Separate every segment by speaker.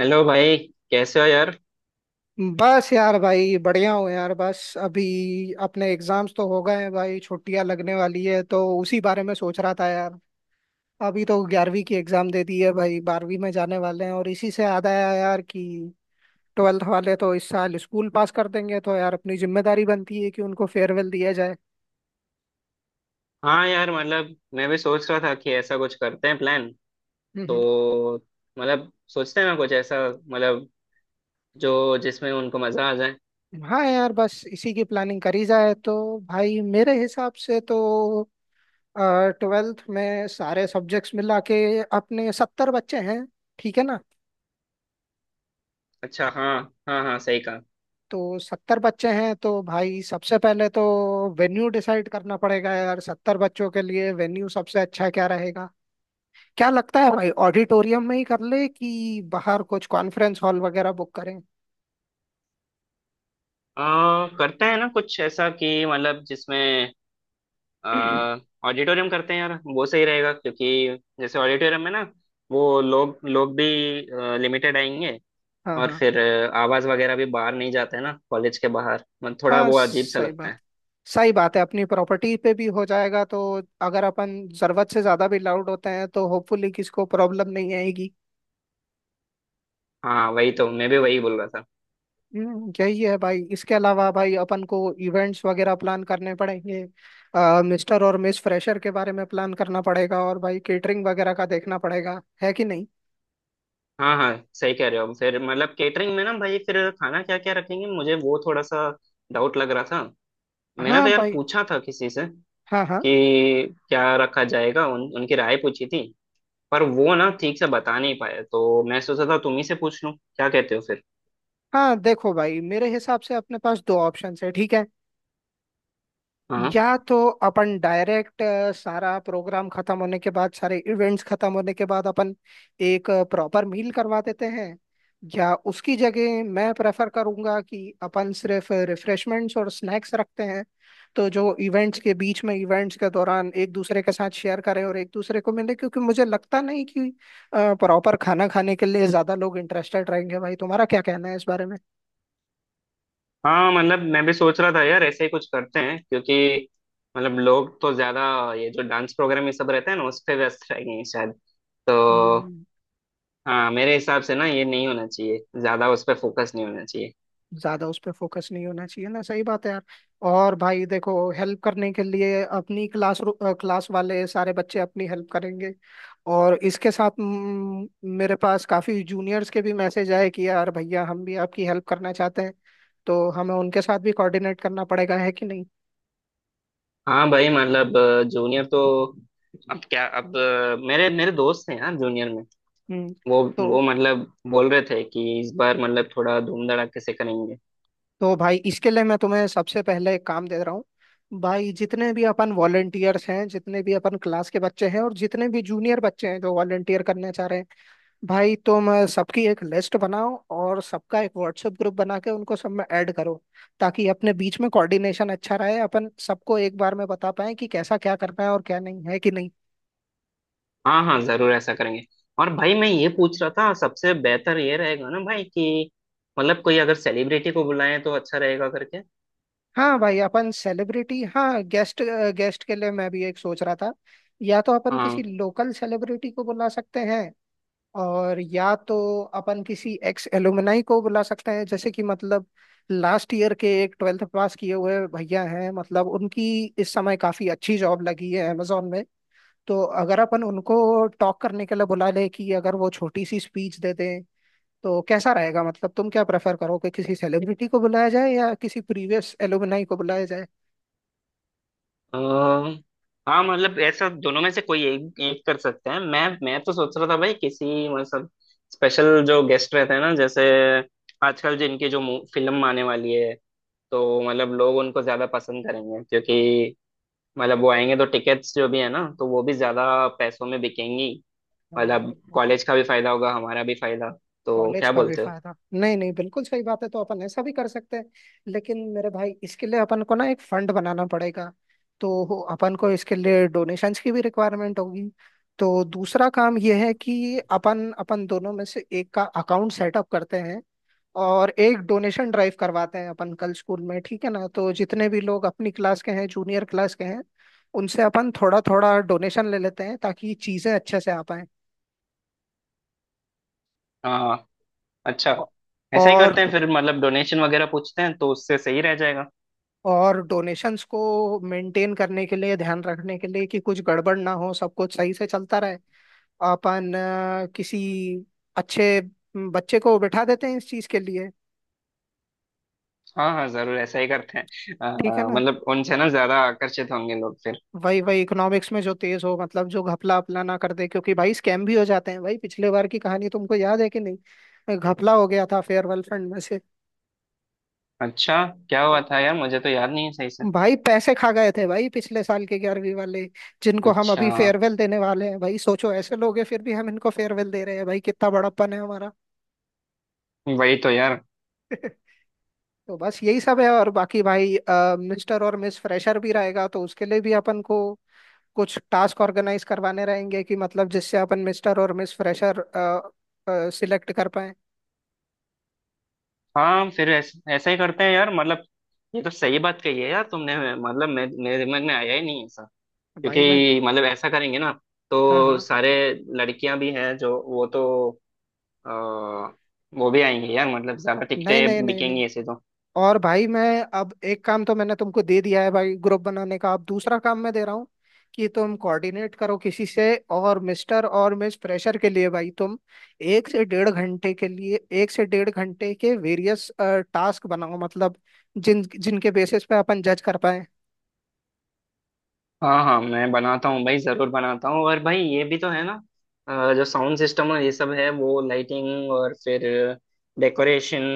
Speaker 1: Hello भाई। कैसे हो यार।
Speaker 2: बस यार भाई बढ़िया हूँ यार, बस अभी अपने एग्जाम्स तो हो गए हैं भाई, छुट्टियां लगने वाली है तो उसी बारे में सोच रहा था यार। अभी तो 11वीं की एग्जाम दे दी है भाई, 12वीं में जाने वाले हैं, और इसी से याद आया यार कि ट्वेल्थ वाले तो इस साल स्कूल पास कर देंगे, तो यार अपनी जिम्मेदारी बनती है कि उनको फेयरवेल दिया जाए।
Speaker 1: हाँ यार, मतलब मैं भी सोच रहा था कि ऐसा कुछ करते हैं प्लान।
Speaker 2: हम्म हम्म।
Speaker 1: तो मतलब सोचते हैं ना कुछ ऐसा, मतलब जो जिसमें उनको मजा आ जाए।
Speaker 2: हाँ यार, बस इसी की प्लानिंग करी जाए तो। भाई मेरे हिसाब से तो ट्वेल्थ में सारे सब्जेक्ट्स मिला के अपने 70 बच्चे हैं, ठीक है ना?
Speaker 1: अच्छा। हाँ हाँ हाँ, सही कहा।
Speaker 2: तो 70 बच्चे हैं, तो भाई सबसे पहले तो वेन्यू डिसाइड करना पड़ेगा यार। 70 बच्चों के लिए वेन्यू सबसे अच्छा क्या रहेगा? क्या लगता है भाई, ऑडिटोरियम में ही कर ले कि बाहर कुछ कॉन्फ्रेंस हॉल वगैरह बुक करें?
Speaker 1: करते हैं ना कुछ ऐसा कि मतलब जिसमें आ, ऑडिटोरियम करते हैं यार, वो सही रहेगा क्योंकि जैसे ऑडिटोरियम में ना वो लोग लोग भी लिमिटेड आएंगे।
Speaker 2: हाँ
Speaker 1: और
Speaker 2: हाँ
Speaker 1: फिर आवाज वगैरह भी बाहर नहीं जाते ना कॉलेज के बाहर, मतलब थोड़ा
Speaker 2: हाँ,
Speaker 1: वो अजीब सा लगता है।
Speaker 2: सही बात है, अपनी प्रॉपर्टी पे भी हो जाएगा, तो अगर अपन जरूरत से ज्यादा भी लाउड होते हैं तो होपफुली किसी को प्रॉब्लम नहीं आएगी।
Speaker 1: हाँ, वही तो मैं भी वही बोल रहा था।
Speaker 2: यही है भाई, इसके अलावा भाई अपन को इवेंट्स वगैरह प्लान करने पड़ेंगे। मिस्टर और मिस फ्रेशर के बारे में प्लान करना पड़ेगा, और भाई केटरिंग वगैरह का देखना पड़ेगा, है कि नहीं?
Speaker 1: हाँ हाँ, सही कह रहे हो। फिर मतलब केटरिंग में ना भाई, फिर खाना क्या क्या रखेंगे, मुझे वो थोड़ा सा डाउट लग रहा था। मैंने
Speaker 2: हाँ
Speaker 1: तो यार
Speaker 2: भाई,
Speaker 1: पूछा था किसी से
Speaker 2: हाँ हाँ।
Speaker 1: कि क्या रखा जाएगा, उनकी राय पूछी थी। पर वो ना ठीक से बता नहीं पाए, तो मैं सोचा था तुम ही से पूछ लूं। क्या कहते हो फिर?
Speaker 2: हाँ देखो भाई, मेरे हिसाब से अपने पास दो ऑप्शंस है, ठीक है?
Speaker 1: हाँ
Speaker 2: या तो अपन डायरेक्ट सारा प्रोग्राम खत्म होने के बाद, सारे इवेंट्स खत्म होने के बाद, अपन एक प्रॉपर मील करवा देते हैं, या उसकी जगह मैं प्रेफर करूंगा कि अपन सिर्फ रिफ्रेशमेंट्स और स्नैक्स रखते हैं, तो जो इवेंट्स के बीच में, इवेंट्स के दौरान, एक दूसरे के साथ शेयर करें और एक दूसरे को मिले, क्योंकि मुझे लगता नहीं कि प्रॉपर खाना खाने के लिए ज्यादा लोग इंटरेस्टेड रहेंगे। भाई तुम्हारा क्या कहना है इस बारे में?
Speaker 1: हाँ, मतलब मैं भी सोच रहा था यार, ऐसे ही कुछ करते हैं क्योंकि मतलब लोग तो ज्यादा ये जो डांस प्रोग्राम ये सब रहते हैं ना, उस पे व्यस्त रहेंगे शायद, तो
Speaker 2: हम्म,
Speaker 1: हाँ, मेरे हिसाब से ना ये नहीं होना चाहिए, ज्यादा उस पर फोकस नहीं होना चाहिए।
Speaker 2: ज्यादा उस पर फोकस नहीं होना चाहिए ना, सही बात है यार। और भाई देखो, हेल्प करने के लिए अपनी क्लास क्लास वाले सारे बच्चे अपनी हेल्प करेंगे, और इसके साथ मेरे पास काफी जूनियर्स के भी मैसेज आए कि यार भैया हम भी आपकी हेल्प करना चाहते हैं, तो हमें उनके साथ भी कोऑर्डिनेट करना पड़ेगा, है कि नहीं?
Speaker 1: हाँ भाई, मतलब जूनियर तो अब क्या, अब मेरे मेरे दोस्त हैं यार जूनियर में।
Speaker 2: हम्म
Speaker 1: वो
Speaker 2: तो
Speaker 1: वो मतलब बोल रहे थे कि इस बार मतलब थोड़ा धूम धड़ाके से करेंगे।
Speaker 2: तो भाई इसके लिए मैं तुम्हें सबसे पहले एक काम दे रहा हूँ। भाई जितने भी अपन वॉलेंटियर्स हैं, जितने भी अपन क्लास के बच्चे हैं, और जितने भी जूनियर बच्चे हैं जो वॉलेंटियर करना चाह रहे हैं, भाई तुम सबकी एक लिस्ट बनाओ, और सबका एक व्हाट्सएप ग्रुप बना के उनको सब में ऐड करो, ताकि अपने बीच में कोऑर्डिनेशन अच्छा रहे, अपन सबको एक बार में बता पाए कि कैसा क्या करना है और क्या नहीं, है कि नहीं?
Speaker 1: हाँ हाँ, जरूर ऐसा करेंगे। और भाई मैं ये पूछ रहा था, सबसे बेहतर ये रहेगा ना भाई, कि मतलब कोई अगर सेलिब्रिटी को बुलाएं तो अच्छा रहेगा करके।
Speaker 2: हाँ भाई, अपन सेलिब्रिटी, हाँ, गेस्ट, गेस्ट के लिए मैं भी एक सोच रहा था। या तो अपन किसी
Speaker 1: हाँ।
Speaker 2: लोकल सेलिब्रिटी को बुला सकते हैं, और या तो अपन किसी एक्स एलुमनाई को बुला सकते हैं, जैसे कि मतलब लास्ट ईयर के एक ट्वेल्थ पास किए हुए भैया हैं, मतलब उनकी इस समय काफी अच्छी जॉब लगी है अमेजोन में। तो अगर अपन उनको टॉक करने के लिए बुला ले कि अगर वो छोटी सी स्पीच दे दें, तो कैसा रहेगा? मतलब तुम क्या प्रेफर करोगे, किसी सेलिब्रिटी को बुलाया जाए या किसी प्रीवियस एलुमनाई को बुलाया जाए?
Speaker 1: अ, हाँ मतलब ऐसा, दोनों में से कोई एक एक कर सकते हैं। मैं तो सोच रहा था भाई किसी मतलब स्पेशल, जो गेस्ट रहते हैं ना, जैसे आजकल जिनकी जो फिल्म आने वाली है, तो मतलब लोग उनको ज्यादा पसंद करेंगे, क्योंकि मतलब वो आएंगे तो टिकट्स जो भी है ना, तो वो भी ज्यादा पैसों में बिकेंगी।
Speaker 2: हाँ,
Speaker 1: मतलब कॉलेज का भी फायदा होगा, हमारा भी फायदा। तो
Speaker 2: कॉलेज
Speaker 1: क्या
Speaker 2: का भी
Speaker 1: बोलते हो?
Speaker 2: फायदा, नहीं नहीं, बिल्कुल सही बात है, तो अपन ऐसा भी कर सकते हैं। लेकिन मेरे भाई, इसके लिए अपन को ना एक फंड बनाना पड़ेगा, तो अपन को इसके लिए डोनेशंस की भी रिक्वायरमेंट होगी। तो दूसरा काम यह है कि अपन अपन दोनों में से एक का अकाउंट सेटअप करते हैं और एक डोनेशन ड्राइव करवाते हैं अपन, कल स्कूल में, ठीक है ना? तो जितने भी लोग अपनी क्लास के हैं, जूनियर क्लास के हैं, उनसे अपन थोड़ा थोड़ा डोनेशन ले लेते हैं, ताकि चीजें अच्छे से आ पाए।
Speaker 1: हाँ। अच्छा, ऐसा ही
Speaker 2: और
Speaker 1: करते हैं फिर। मतलब डोनेशन वगैरह पूछते हैं, तो उससे सही रह जाएगा।
Speaker 2: और डोनेशंस को मेंटेन करने के लिए, ध्यान रखने के लिए कि कुछ गड़बड़ ना हो, सब कुछ सही से चलता रहे, अपन किसी अच्छे बच्चे को बिठा देते हैं इस चीज के लिए।
Speaker 1: हाँ हाँ, जरूर ऐसा ही करते हैं।
Speaker 2: ठीक है ना?
Speaker 1: मतलब उनसे ना ज्यादा आकर्षित होंगे लोग फिर।
Speaker 2: वही वही इकोनॉमिक्स में जो तेज हो, मतलब जो घपला अपला ना कर दे, क्योंकि भाई स्कैम भी हो जाते हैं भाई। पिछले बार की कहानी तुमको याद है कि नहीं? घपला हो गया था फेयरवेल फंड में से।
Speaker 1: अच्छा, क्या हुआ था यार? मुझे तो याद नहीं है सही से।
Speaker 2: भाई पैसे खा गए थे भाई पिछले साल के 11वीं वाले, जिनको हम
Speaker 1: अच्छा।
Speaker 2: अभी फेयरवेल देने वाले हैं। भाई सोचो, ऐसे लोग हैं फिर भी हम इनको फेयरवेल दे रहे हैं, भाई कितना बड़प्पन है हमारा।
Speaker 1: वही तो यार।
Speaker 2: तो बस यही सब है, और बाकी भाई मिस्टर और मिस फ्रेशर भी रहेगा, तो उसके लिए भी अपन को कुछ टास्क ऑर्गेनाइज करवाने रहेंगे, कि मतलब जिससे अपन मिस्टर और मिस फ्रेशर सिलेक्ट कर पाए।
Speaker 1: हाँ, फिर ऐसा ऐसा ही करते हैं यार, मतलब ये तो सही बात कही है यार तुमने, मतलब मेरे दिमाग में आया ही नहीं ऐसा,
Speaker 2: भाई मैं,
Speaker 1: क्योंकि मतलब ऐसा करेंगे ना।
Speaker 2: हाँ
Speaker 1: तो
Speaker 2: हाँ,
Speaker 1: सारे लड़कियां भी हैं, जो वो तो आ, वो भी आएंगी यार, मतलब ज्यादा
Speaker 2: नहीं नहीं
Speaker 1: टिकटें
Speaker 2: नहीं नहीं,
Speaker 1: बिकेंगी ऐसे तो।
Speaker 2: और भाई मैं, अब एक काम तो मैंने तुमको दे दिया है भाई, ग्रुप बनाने का। अब दूसरा काम मैं दे रहा हूँ, कि तुम कोऑर्डिनेट करो किसी से, और मिस्टर और मिस फ्रेशर के लिए भाई तुम 1 से 1.5 घंटे के वेरियस टास्क बनाओ, मतलब जिन जिनके बेसिस पे अपन जज कर पाए।
Speaker 1: हाँ हाँ, मैं बनाता हूँ भाई, जरूर बनाता हूँ। और भाई ये भी तो है ना, जो साउंड सिस्टम और ये सब है, वो लाइटिंग और फिर डेकोरेशन,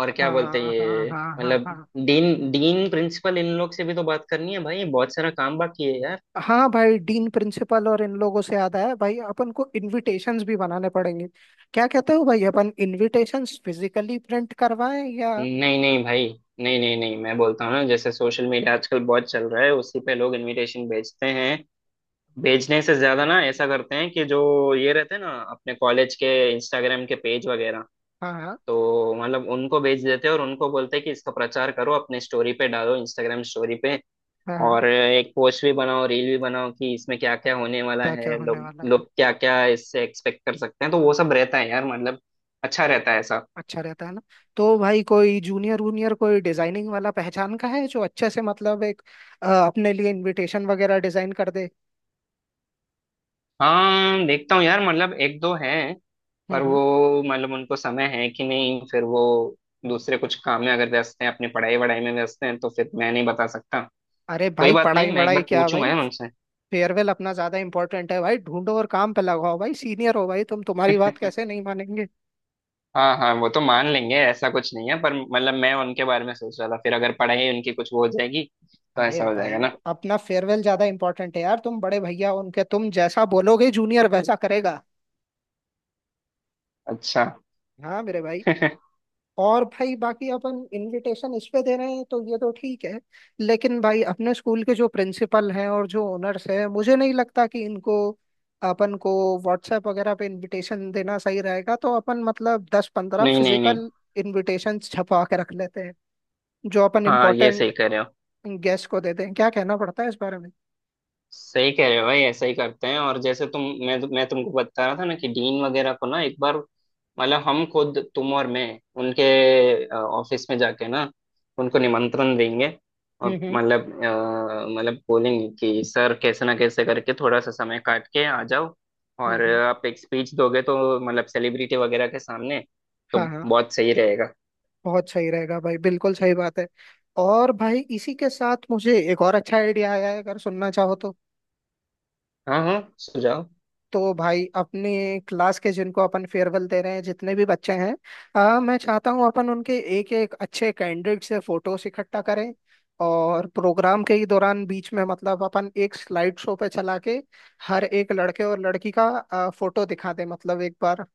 Speaker 1: और क्या बोलते हैं
Speaker 2: हाँ हाँ
Speaker 1: ये,
Speaker 2: हाँ हाँ
Speaker 1: मतलब
Speaker 2: हाँ।
Speaker 1: डीन डीन प्रिंसिपल इन लोग से भी तो बात करनी है भाई, बहुत सारा काम बाकी है यार।
Speaker 2: हाँ भाई, डीन प्रिंसिपल और इन लोगों से याद आया भाई, अपन को इनविटेशंस भी बनाने पड़ेंगे। क्या कहते हो भाई, अपन इनविटेशंस फिजिकली प्रिंट करवाएं या?
Speaker 1: नहीं नहीं भाई, नहीं नहीं नहीं, मैं बोलता हूँ ना, जैसे सोशल मीडिया आजकल बहुत चल रहा है, उसी पे लोग इनविटेशन भेजते हैं। भेजने से ज्यादा ना ऐसा करते हैं कि जो ये रहते हैं ना अपने कॉलेज के इंस्टाग्राम के पेज वगैरह,
Speaker 2: हाँ
Speaker 1: तो मतलब उनको बेच देते और उनको बोलते कि इसका प्रचार करो, अपने स्टोरी पे डालो, इंस्टाग्राम स्टोरी पे।
Speaker 2: हाँ हाँ।
Speaker 1: और एक पोस्ट भी बनाओ, रील भी बनाओ, कि इसमें क्या क्या होने वाला
Speaker 2: क्या क्या
Speaker 1: है,
Speaker 2: होने
Speaker 1: लोग
Speaker 2: वाला है।
Speaker 1: लोग क्या क्या इससे एक्सपेक्ट कर सकते हैं, तो वो सब रहता है यार मतलब। अच्छा रहता है ऐसा।
Speaker 2: अच्छा रहता है ना। तो भाई कोई जूनियर वूनियर, कोई डिजाइनिंग वाला पहचान का है जो अच्छे से मतलब एक अपने लिए इनविटेशन वगैरह डिजाइन कर दे?
Speaker 1: हाँ, देखता हूँ यार, मतलब एक दो हैं।
Speaker 2: हम्म
Speaker 1: पर
Speaker 2: हम्म।
Speaker 1: वो, मतलब उनको समय है कि नहीं, फिर वो दूसरे कुछ काम में अगर व्यस्त हैं, अपनी पढ़ाई वढ़ाई में व्यस्त हैं, तो फिर मैं नहीं बता सकता।
Speaker 2: अरे
Speaker 1: कोई
Speaker 2: भाई,
Speaker 1: बात
Speaker 2: पढ़ाई
Speaker 1: नहीं, मैं एक
Speaker 2: वढ़ाई
Speaker 1: बार
Speaker 2: क्या
Speaker 1: पूछूंगा
Speaker 2: भाई,
Speaker 1: यार उनसे।
Speaker 2: फेयरवेल अपना ज्यादा इंपॉर्टेंट है भाई, ढूंढो और काम पे लगाओ, भाई सीनियर हो भाई तुम, तुम्हारी बात कैसे नहीं मानेंगे?
Speaker 1: हाँ हाँ, वो तो मान लेंगे, ऐसा कुछ नहीं है। पर मतलब मैं उनके बारे में सोच रहा था, फिर अगर पढ़ाई उनकी कुछ वो हो जाएगी, तो
Speaker 2: अरे
Speaker 1: ऐसा हो
Speaker 2: भाई,
Speaker 1: जाएगा ना।
Speaker 2: अपना फेयरवेल ज्यादा इंपॉर्टेंट है यार, तुम बड़े भैया हो उनके, तुम जैसा बोलोगे जूनियर वैसा करेगा।
Speaker 1: अच्छा।
Speaker 2: हाँ मेरे भाई।
Speaker 1: नहीं
Speaker 2: और भाई बाकी, अपन इनविटेशन इस पे दे रहे हैं तो ये तो ठीक है, लेकिन भाई अपने स्कूल के जो प्रिंसिपल हैं और जो ओनर्स हैं, मुझे नहीं लगता कि इनको अपन को व्हाट्सएप वगैरह पे इनविटेशन देना सही रहेगा, तो अपन मतलब 10-15
Speaker 1: नहीं नहीं।
Speaker 2: फिजिकल इनविटेशन छपवा के रख लेते हैं, जो अपन
Speaker 1: हाँ ये सही
Speaker 2: इम्पोर्टेंट
Speaker 1: कह रहे हो।
Speaker 2: गेस्ट को देते हैं। क्या कहना पड़ता है इस बारे में?
Speaker 1: सही कह रहे हो भाई, ऐसा ही करते हैं। और जैसे तुम, मैं तुमको बता रहा था ना कि डीन वगैरह को ना एक बार, मतलब हम खुद, तुम और मैं, उनके ऑफिस में जाके ना उनको निमंत्रण देंगे।
Speaker 2: हम्म
Speaker 1: और
Speaker 2: हम्म
Speaker 1: मतलब मतलब बोलेंगे कि सर, कैसे ना कैसे करके थोड़ा सा समय काट के आ जाओ,
Speaker 2: हम्म
Speaker 1: और
Speaker 2: हम्म।
Speaker 1: आप एक स्पीच दोगे तो मतलब सेलिब्रिटी वगैरह के सामने, तो
Speaker 2: हाँ हाँ,
Speaker 1: बहुत सही रहेगा।
Speaker 2: बहुत सही रहेगा भाई, बिल्कुल सही बात है। और भाई इसी के साथ मुझे एक और अच्छा आइडिया आया है, अगर सुनना चाहो तो।
Speaker 1: हाँ हाँ, सुझाव।
Speaker 2: तो भाई अपने क्लास के, जिनको अपन फेयरवेल दे रहे हैं, जितने भी बच्चे हैं, मैं चाहता हूँ अपन उनके एक एक अच्छे कैंडिडेट से फोटोस इकट्ठा करें, और प्रोग्राम के ही दौरान बीच में, मतलब अपन एक स्लाइड शो पे चला के हर एक लड़के और लड़की का फोटो दिखा दें, मतलब एक बार।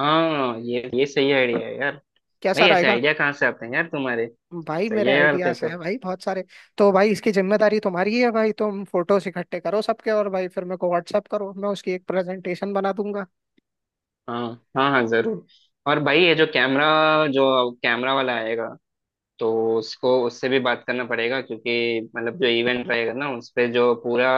Speaker 1: हाँ, ये सही आइडिया है यार। भाई
Speaker 2: कैसा
Speaker 1: ऐसे
Speaker 2: रहेगा?
Speaker 1: आइडिया कहाँ से आते हैं यार तुम्हारे?
Speaker 2: भाई
Speaker 1: सही
Speaker 2: मेरे
Speaker 1: है यार, थे
Speaker 2: आइडियाज
Speaker 1: तो।
Speaker 2: हैं भाई बहुत सारे। तो भाई इसकी जिम्मेदारी तुम्हारी ही है भाई, तुम फोटोस इकट्ठे करो सबके, और भाई फिर मेरे को व्हाट्सअप करो, मैं उसकी एक प्रेजेंटेशन बना दूंगा।
Speaker 1: हाँ हाँ हाँ, जरूर। और भाई ये जो कैमरा वाला आएगा, तो उसको उससे भी बात करना पड़ेगा, क्योंकि मतलब जो इवेंट रहेगा ना उस पे, जो पूरा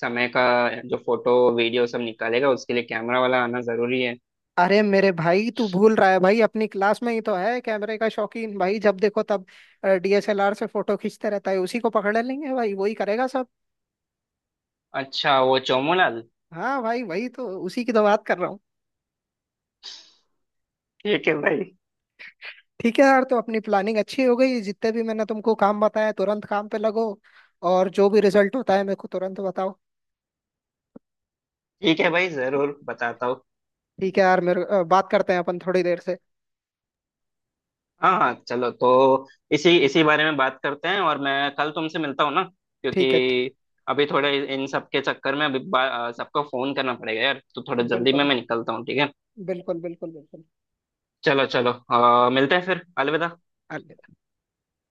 Speaker 1: समय का जो फोटो वीडियो सब निकालेगा, उसके लिए कैमरा वाला आना जरूरी है।
Speaker 2: अरे मेरे भाई, तू भूल रहा है भाई, अपनी क्लास में ही तो है कैमरे का शौकीन। भाई जब देखो तब डीएसएलआर से फोटो खींचते रहता है, उसी को पकड़ लेंगे भाई, वही करेगा सब।
Speaker 1: अच्छा, वो चोमोलाल।
Speaker 2: हाँ भाई, वही तो, उसी की तो बात कर रहा हूँ।
Speaker 1: ठीक है भाई।
Speaker 2: ठीक है यार, तो अपनी प्लानिंग अच्छी हो गई। जितने भी मैंने तुमको काम बताया, तुरंत काम पे लगो, और जो भी रिजल्ट होता है मेरे को तुरंत बताओ।
Speaker 1: ठीक है भाई, जरूर बताता हूँ।
Speaker 2: ठीक है यार मेरे, बात करते हैं अपन थोड़ी देर से।
Speaker 1: हाँ हाँ, चलो तो इसी इसी बारे में बात करते हैं, और मैं कल तुमसे मिलता हूँ ना, क्योंकि
Speaker 2: ठीक है
Speaker 1: अभी थोड़े इन सब के चक्कर में, अभी सबको फोन करना पड़ेगा यार, तो थोड़ा जल्दी में
Speaker 2: बिल्कुल,
Speaker 1: मैं निकलता हूँ, ठीक है।
Speaker 2: बिल्कुल बिल्कुल बिल्कुल।
Speaker 1: चलो चलो, मिलते हैं फिर। अलविदा।
Speaker 2: अलविदा।